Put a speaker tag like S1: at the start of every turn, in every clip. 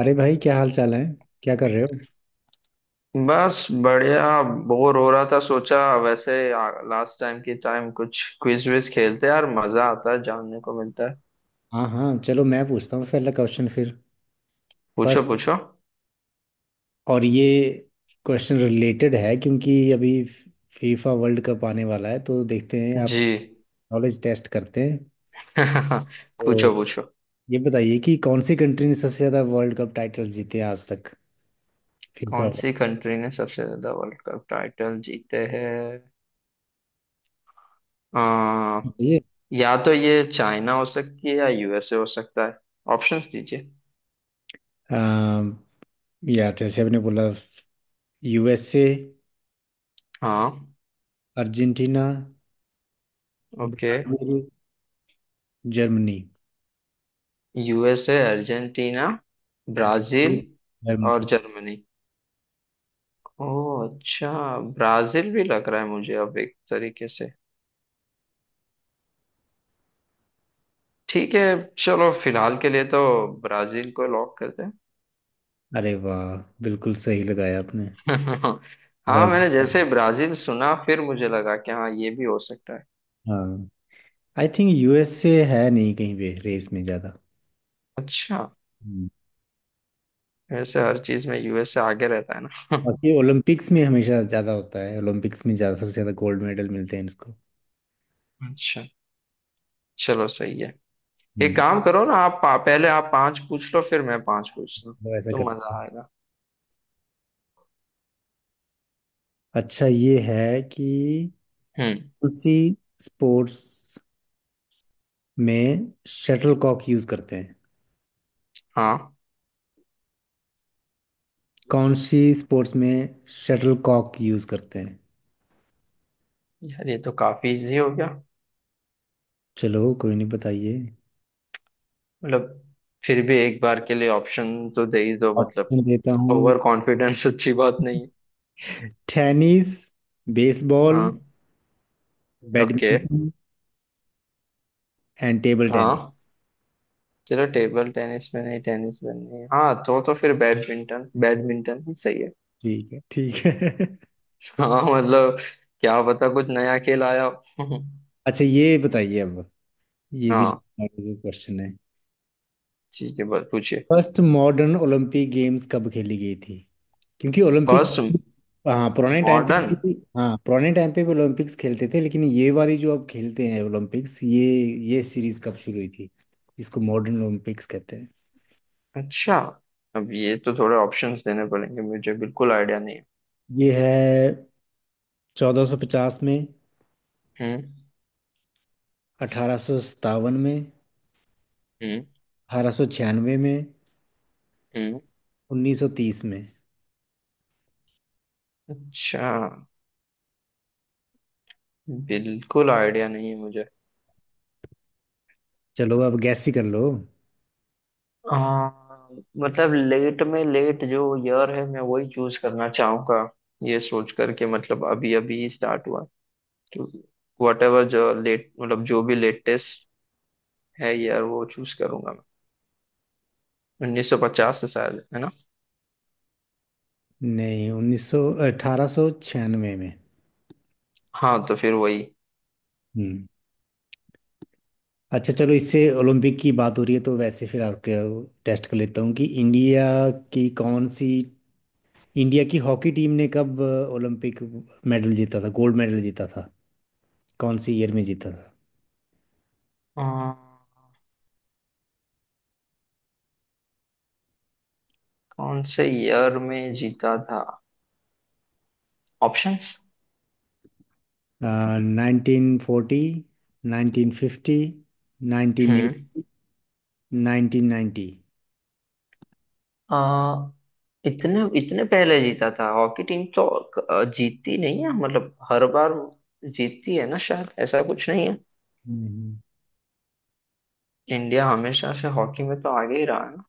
S1: अरे भाई, क्या हाल चाल है। क्या कर रहे हो।
S2: बस बढ़िया। बोर हो रहा था, सोचा वैसे लास्ट टाइम की टाइम कुछ क्विज विज खेलते हैं, यार मजा आता है, जानने को मिलता है।
S1: हाँ हाँ, चलो मैं पूछता हूँ पहला क्वेश्चन फिर।
S2: पूछो
S1: फर्स्ट।
S2: पूछो।
S1: और ये क्वेश्चन रिलेटेड है क्योंकि अभी फीफा वर्ल्ड कप आने वाला है, तो देखते हैं
S2: जी।
S1: आपकी नॉलेज टेस्ट करते हैं। तो
S2: पूछो पूछो।
S1: ये बताइए कि कौन सी कंट्री ने सबसे ज़्यादा वर्ल्ड कप टाइटल जीते हैं आज तक, फीफा।
S2: कौन सी कंट्री ने सबसे ज्यादा वर्ल्ड कप टाइटल जीते हैं? आ,
S1: ये
S2: या तो ये चाइना हो सकती है या यूएसए हो सकता है। ऑप्शंस दीजिए।
S1: अम, या जैसे आपने बोला, यूएसए,
S2: हाँ।
S1: Argentina,
S2: okay.
S1: Brazil, Germany.
S2: USA, Argentina, Brazil और
S1: जर्मनी।
S2: जर्मनी। ओह अच्छा। ब्राजील भी लग रहा है मुझे अब एक तरीके से। ठीक है, चलो फिलहाल के लिए तो ब्राजील को लॉक करते हैं।
S1: अरे वाह, बिल्कुल सही लगाया आपने।
S2: हाँ मैंने
S1: ब्राजील।
S2: जैसे ब्राजील सुना फिर मुझे लगा कि हाँ ये भी हो सकता है।
S1: हाँ, आई थिंक यूएसए है नहीं कहीं पे रेस में ज़्यादा।
S2: अच्छा।
S1: हम्म।
S2: वैसे हर चीज में यूएसए आगे रहता है ना।
S1: बाकी ओलंपिक्स में हमेशा ज़्यादा होता है, ओलंपिक्स में ज़्यादा सबसे ज़्यादा गोल्ड मेडल मिलते हैं इसको।
S2: अच्छा। चलो सही है। एक
S1: हम्म।
S2: काम करो ना आप पहले आप पांच पूछ लो फिर मैं पांच पूछता हूँ,
S1: वो ऐसा
S2: तो
S1: करते
S2: मजा
S1: हैं।
S2: आएगा।
S1: अच्छा ये है कि
S2: हम्म।
S1: उसी स्पोर्ट्स में शटल कॉक यूज़ करते हैं।
S2: हाँ
S1: कौन सी स्पोर्ट्स में शटल कॉक यूज़ करते हैं।
S2: यार ये तो काफी इजी हो गया।
S1: चलो कोई नहीं, बताइए।
S2: मतलब फिर भी एक बार के लिए ऑप्शन तो दे ही दो मतलब।
S1: ऑप्शन देता हूँ।
S2: ओवर कॉन्फिडेंस अच्छी बात नहीं है।
S1: टेनिस, बेसबॉल,
S2: हाँ। Okay.
S1: Badminton and table tennis.
S2: हाँ चलो टेबल टेनिस में नहीं, टेनिस में नहीं, हाँ तो फिर बैडमिंटन बैडमिंटन ही सही है।
S1: ठीक है, ठीक है।
S2: हाँ मतलब क्या पता कुछ नया खेल आया हो।
S1: अच्छा ये बताइए अब, ये भी
S2: हाँ
S1: क्वेश्चन है।
S2: ठीक है बस पूछिए।
S1: फर्स्ट मॉडर्न ओलंपिक गेम्स कब खेली गई थी। क्योंकि ओलंपिक्स,
S2: फर्स्ट
S1: हाँ पुराने टाइम पे
S2: मॉडर्न।
S1: भी, ओलंपिक्स खेलते थे लेकिन ये वाली जो अब खेलते हैं ओलंपिक्स, ये सीरीज कब शुरू हुई थी। इसको मॉडर्न ओलंपिक्स कहते हैं।
S2: अच्छा अब ये तो थोड़े ऑप्शंस देने पड़ेंगे, मुझे बिल्कुल आइडिया नहीं है।
S1: ये है, 1450 में,
S2: हम्म।
S1: 1857 में,
S2: हम्म।
S1: 1896 में,
S2: हम्म।
S1: 1930 में।
S2: अच्छा। बिल्कुल आइडिया नहीं है मुझे।
S1: चलो अब गैस ही कर लो।
S2: हाँ मतलब लेट में लेट जो ईयर है मैं वही चूज करना चाहूंगा, ये सोच करके, मतलब अभी अभी स्टार्ट हुआ, तो वट एवर जो लेट मतलब जो भी लेटेस्ट है ईयर वो चूज करूंगा। मैं 1950 से शायद है ना।
S1: नहीं, उन्नीस सौ 1896 में।
S2: हाँ तो फिर वही।
S1: हम्म। अच्छा चलो, इससे ओलंपिक की बात हो रही है तो वैसे फिर आपके टेस्ट कर लेता हूँ कि की कौन सी इंडिया की हॉकी टीम ने कब ओलंपिक मेडल जीता था, गोल्ड मेडल जीता था, कौन सी ईयर में जीता
S2: अ, कौन से ईयर में जीता था? ऑप्शंस।
S1: था। 1940, 1950, नाइनटीन
S2: हम्म।
S1: एटी 1990।
S2: अ, इतने इतने पहले जीता था हॉकी टीम तो? जीती नहीं है मतलब हर बार जीतती है ना शायद, ऐसा कुछ नहीं? इंडिया हमेशा से हॉकी में तो आगे ही रहा है ना।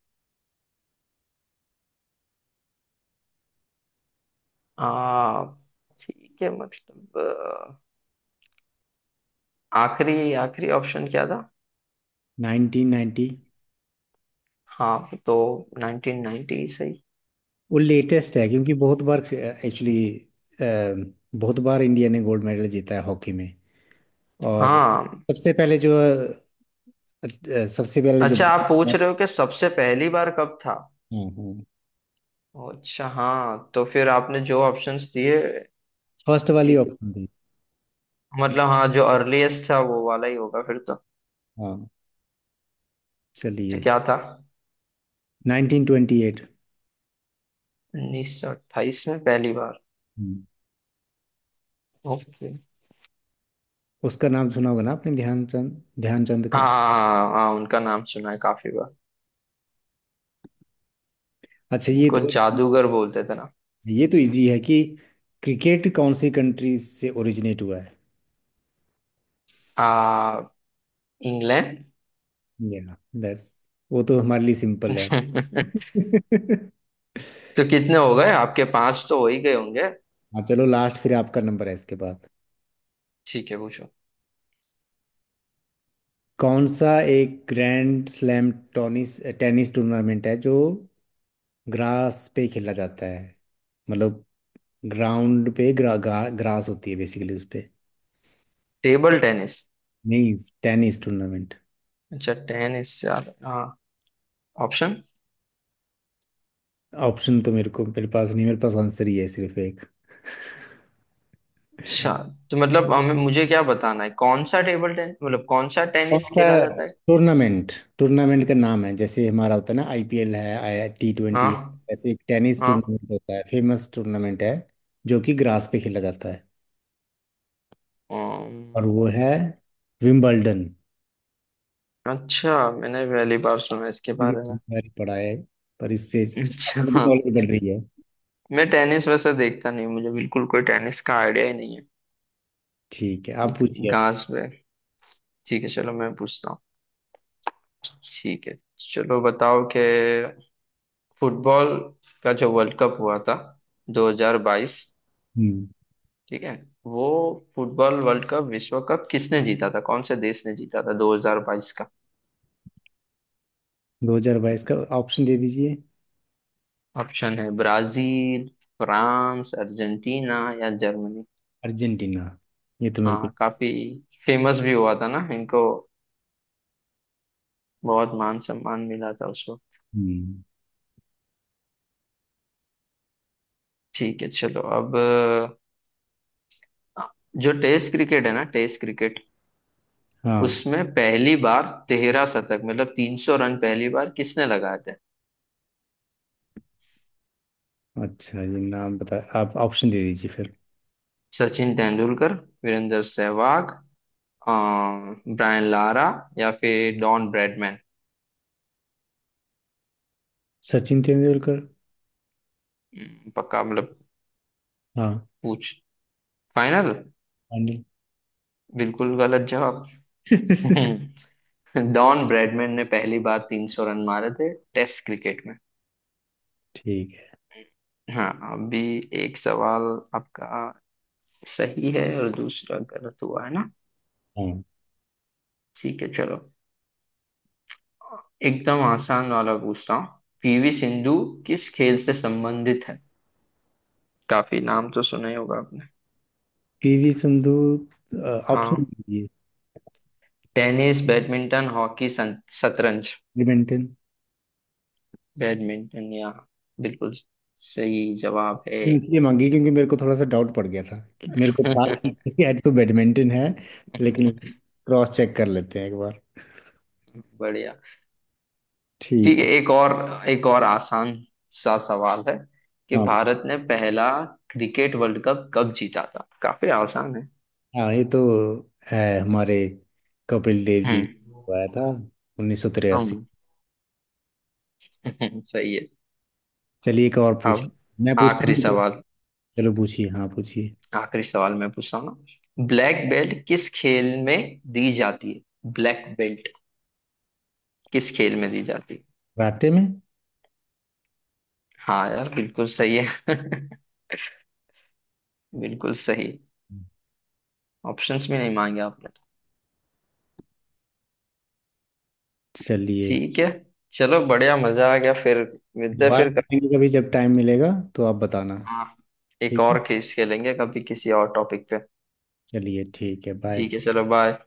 S2: आ, ठीक है, मतलब आखिरी, आखिरी ऑप्शन क्या था?
S1: नाइनटीन नाइन्टी
S2: हाँ वो तो 1990 सही।
S1: वो लेटेस्ट है क्योंकि बहुत बार इंडिया ने गोल्ड मेडल जीता है हॉकी में। और
S2: हाँ।
S1: सबसे पहले जो अ, सबसे पहले जो।
S2: अच्छा आप
S1: हाँ
S2: पूछ रहे हो कि सबसे पहली बार कब था?
S1: हाँ,
S2: अच्छा हाँ तो फिर आपने जो ऑप्शंस दिए,
S1: फर्स्ट वाली
S2: एक
S1: ऑप्शन थी।
S2: मतलब हाँ जो अर्लीस्ट था वो वाला ही होगा फिर तो।
S1: हाँ,
S2: तो
S1: चलिए,
S2: क्या था?
S1: 1928।
S2: 1928 में पहली बार?
S1: हम्म।
S2: ओके।
S1: उसका नाम सुना होगा ना आपने, ध्यानचंद, ध्यानचंद
S2: हाँ
S1: का।
S2: हाँ हाँ हाँ, उनका नाम सुना है काफी बार।
S1: अच्छा,
S2: उनको जादूगर बोलते थे ना।
S1: ये तो इजी है कि क्रिकेट कौन सी कंट्री से ओरिजिनेट हुआ है।
S2: आ इंग्लैंड।
S1: या दैट्स, वो तो हमारे लिए सिंपल है।
S2: तो कितने हो गए आपके, पांच तो हो ही गए होंगे।
S1: हाँ चलो, लास्ट, फिर आपका नंबर है इसके बाद।
S2: ठीक है पूछो।
S1: कौन सा एक ग्रैंड स्लैम टॉनिस टेनिस टूर्नामेंट है जो ग्रास पे खेला जाता है। मतलब ग्राउंड पे ग्रास होती है बेसिकली उस पे।
S2: Table tennis?
S1: नहीं, टेनिस टूर्नामेंट।
S2: अच्छा टेनिस, यार हाँ। ऑप्शन।
S1: ऑप्शन तो मेरे पास नहीं, मेरे पास आंसर ही है सिर्फ एक।
S2: अच्छा तो मतलब हमें, मुझे क्या बताना है, कौन सा टेबल टेनिस, मतलब कौन सा
S1: कौन
S2: टेनिस
S1: सा
S2: खेला जाता है?
S1: टूर्नामेंट, टूर्नामेंट का नाम है जैसे हमारा होता है ना, आईपीएल है, आई टी ट्वेंटी।
S2: हाँ।
S1: वैसे एक टेनिस
S2: हाँ।
S1: टूर्नामेंट होता है, फेमस टूर्नामेंट है जो कि ग्रास पे खेला जाता है,
S2: अम्म,
S1: और वो है विम्बलडन।
S2: अच्छा मैंने पहली बार सुना इसके
S1: मैंने
S2: बारे में।
S1: बहुत बारी पढ़ा है पर इससे आपको भी
S2: अच्छा।
S1: नॉलेज बढ़ रही है।
S2: मैं टेनिस वैसे देखता नहीं हूँ, मुझे बिल्कुल कोई टेनिस का आइडिया ही नहीं
S1: ठीक है, आप
S2: है,
S1: पूछिए अब।
S2: घास पे। ठीक है चलो मैं पूछता हूँ। ठीक है, चलो बताओ कि फुटबॉल का जो वर्ल्ड कप हुआ था 2022।
S1: हम्म।
S2: ठीक है वो फुटबॉल वर्ल्ड कप, विश्व कप, किसने जीता था, कौन से देश ने जीता था 2022 का?
S1: 2022 का ऑप्शन दे दीजिए।
S2: ऑप्शन है ब्राजील, फ्रांस, अर्जेंटीना या जर्मनी।
S1: अर्जेंटीना, ये तो मेरे को।
S2: हाँ काफी फेमस भी हुआ था ना इनको, बहुत मान सम्मान मिला था उस वक्त।
S1: हम्म,
S2: ठीक है चलो अब अ, जो टेस्ट क्रिकेट है ना, टेस्ट क्रिकेट,
S1: हाँ।
S2: उसमें पहली बार तेरह शतक मतलब तीन सौ रन पहली बार किसने लगाए थे?
S1: अच्छा ये नाम बता, आप ऑप्शन दे दीजिए फिर।
S2: सचिन तेंदुलकर, वीरेंद्र सहवाग, ब्रायन लारा या फिर डॉन ब्रैडमैन।
S1: सचिन तेंदुलकर।
S2: पक्का मतलब?
S1: हाँ।
S2: पूछ। फाइनल?
S1: अनिल।
S2: बिल्कुल गलत जवाब। डॉन ब्रैडमैन ने पहली बार 300 रन मारे थे टेस्ट क्रिकेट में।
S1: ठीक है।
S2: हाँ अभी एक सवाल आपका सही है और दूसरा गलत हुआ है ना।
S1: हाँ।
S2: ठीक है चलो एकदम आसान वाला पूछता हूँ। पीवी सिंधु किस खेल से संबंधित है, काफी नाम तो सुना ही होगा आपने।
S1: पीवी संधू, अ, ऑप्शन
S2: हाँ।
S1: दीजिए।
S2: टेनिस, बैडमिंटन, हॉकी, शतरंज।
S1: बैडमिंटन।
S2: बैडमिंटन? या बिल्कुल सही जवाब है।
S1: नहीं, इसलिए मांगी क्योंकि मेरे को थोड़ा सा डाउट पड़ गया था, कि मेरे को था कि यार तो बैडमिंटन है। लेकिन क्रॉस चेक कर लेते हैं एक बार।
S2: बढ़िया।
S1: ठीक
S2: ठीक है
S1: है।
S2: एक और, एक और आसान सा सवाल है कि
S1: हाँ
S2: भारत ने पहला क्रिकेट वर्ल्ड कप कब जीता था, काफी आसान है।
S1: हाँ, ये तो है, हमारे कपिल देव जी
S2: हम्म।
S1: को आया था, 1983।
S2: हम। सही है।
S1: चलिए एक और पूछ लें।
S2: अब
S1: मैं पूछता हूँ
S2: आखिरी
S1: तो।
S2: सवाल,
S1: चलो पूछिए, हाँ पूछिए।
S2: आखिरी सवाल मैं पूछता हूँ ना, ब्लैक बेल्ट किस खेल में दी जाती है, ब्लैक बेल्ट किस खेल में दी जाती है?
S1: कराटे में।
S2: हाँ यार बिल्कुल सही है। बिल्कुल सही। ऑप्शंस भी नहीं मांगे आपने तो।
S1: चलिए,
S2: ठीक है। चलो बढ़िया मजा आ गया फिर। मिलते हैं
S1: दोबारा
S2: फिर कभी।
S1: पूछेंगे कभी जब टाइम मिलेगा, तो आप बताना।
S2: हाँ एक
S1: ठीक है,
S2: और खेल खेलेंगे कभी किसी और टॉपिक पे।
S1: चलिए, ठीक है, बाय।
S2: ठीक है चलो बाय।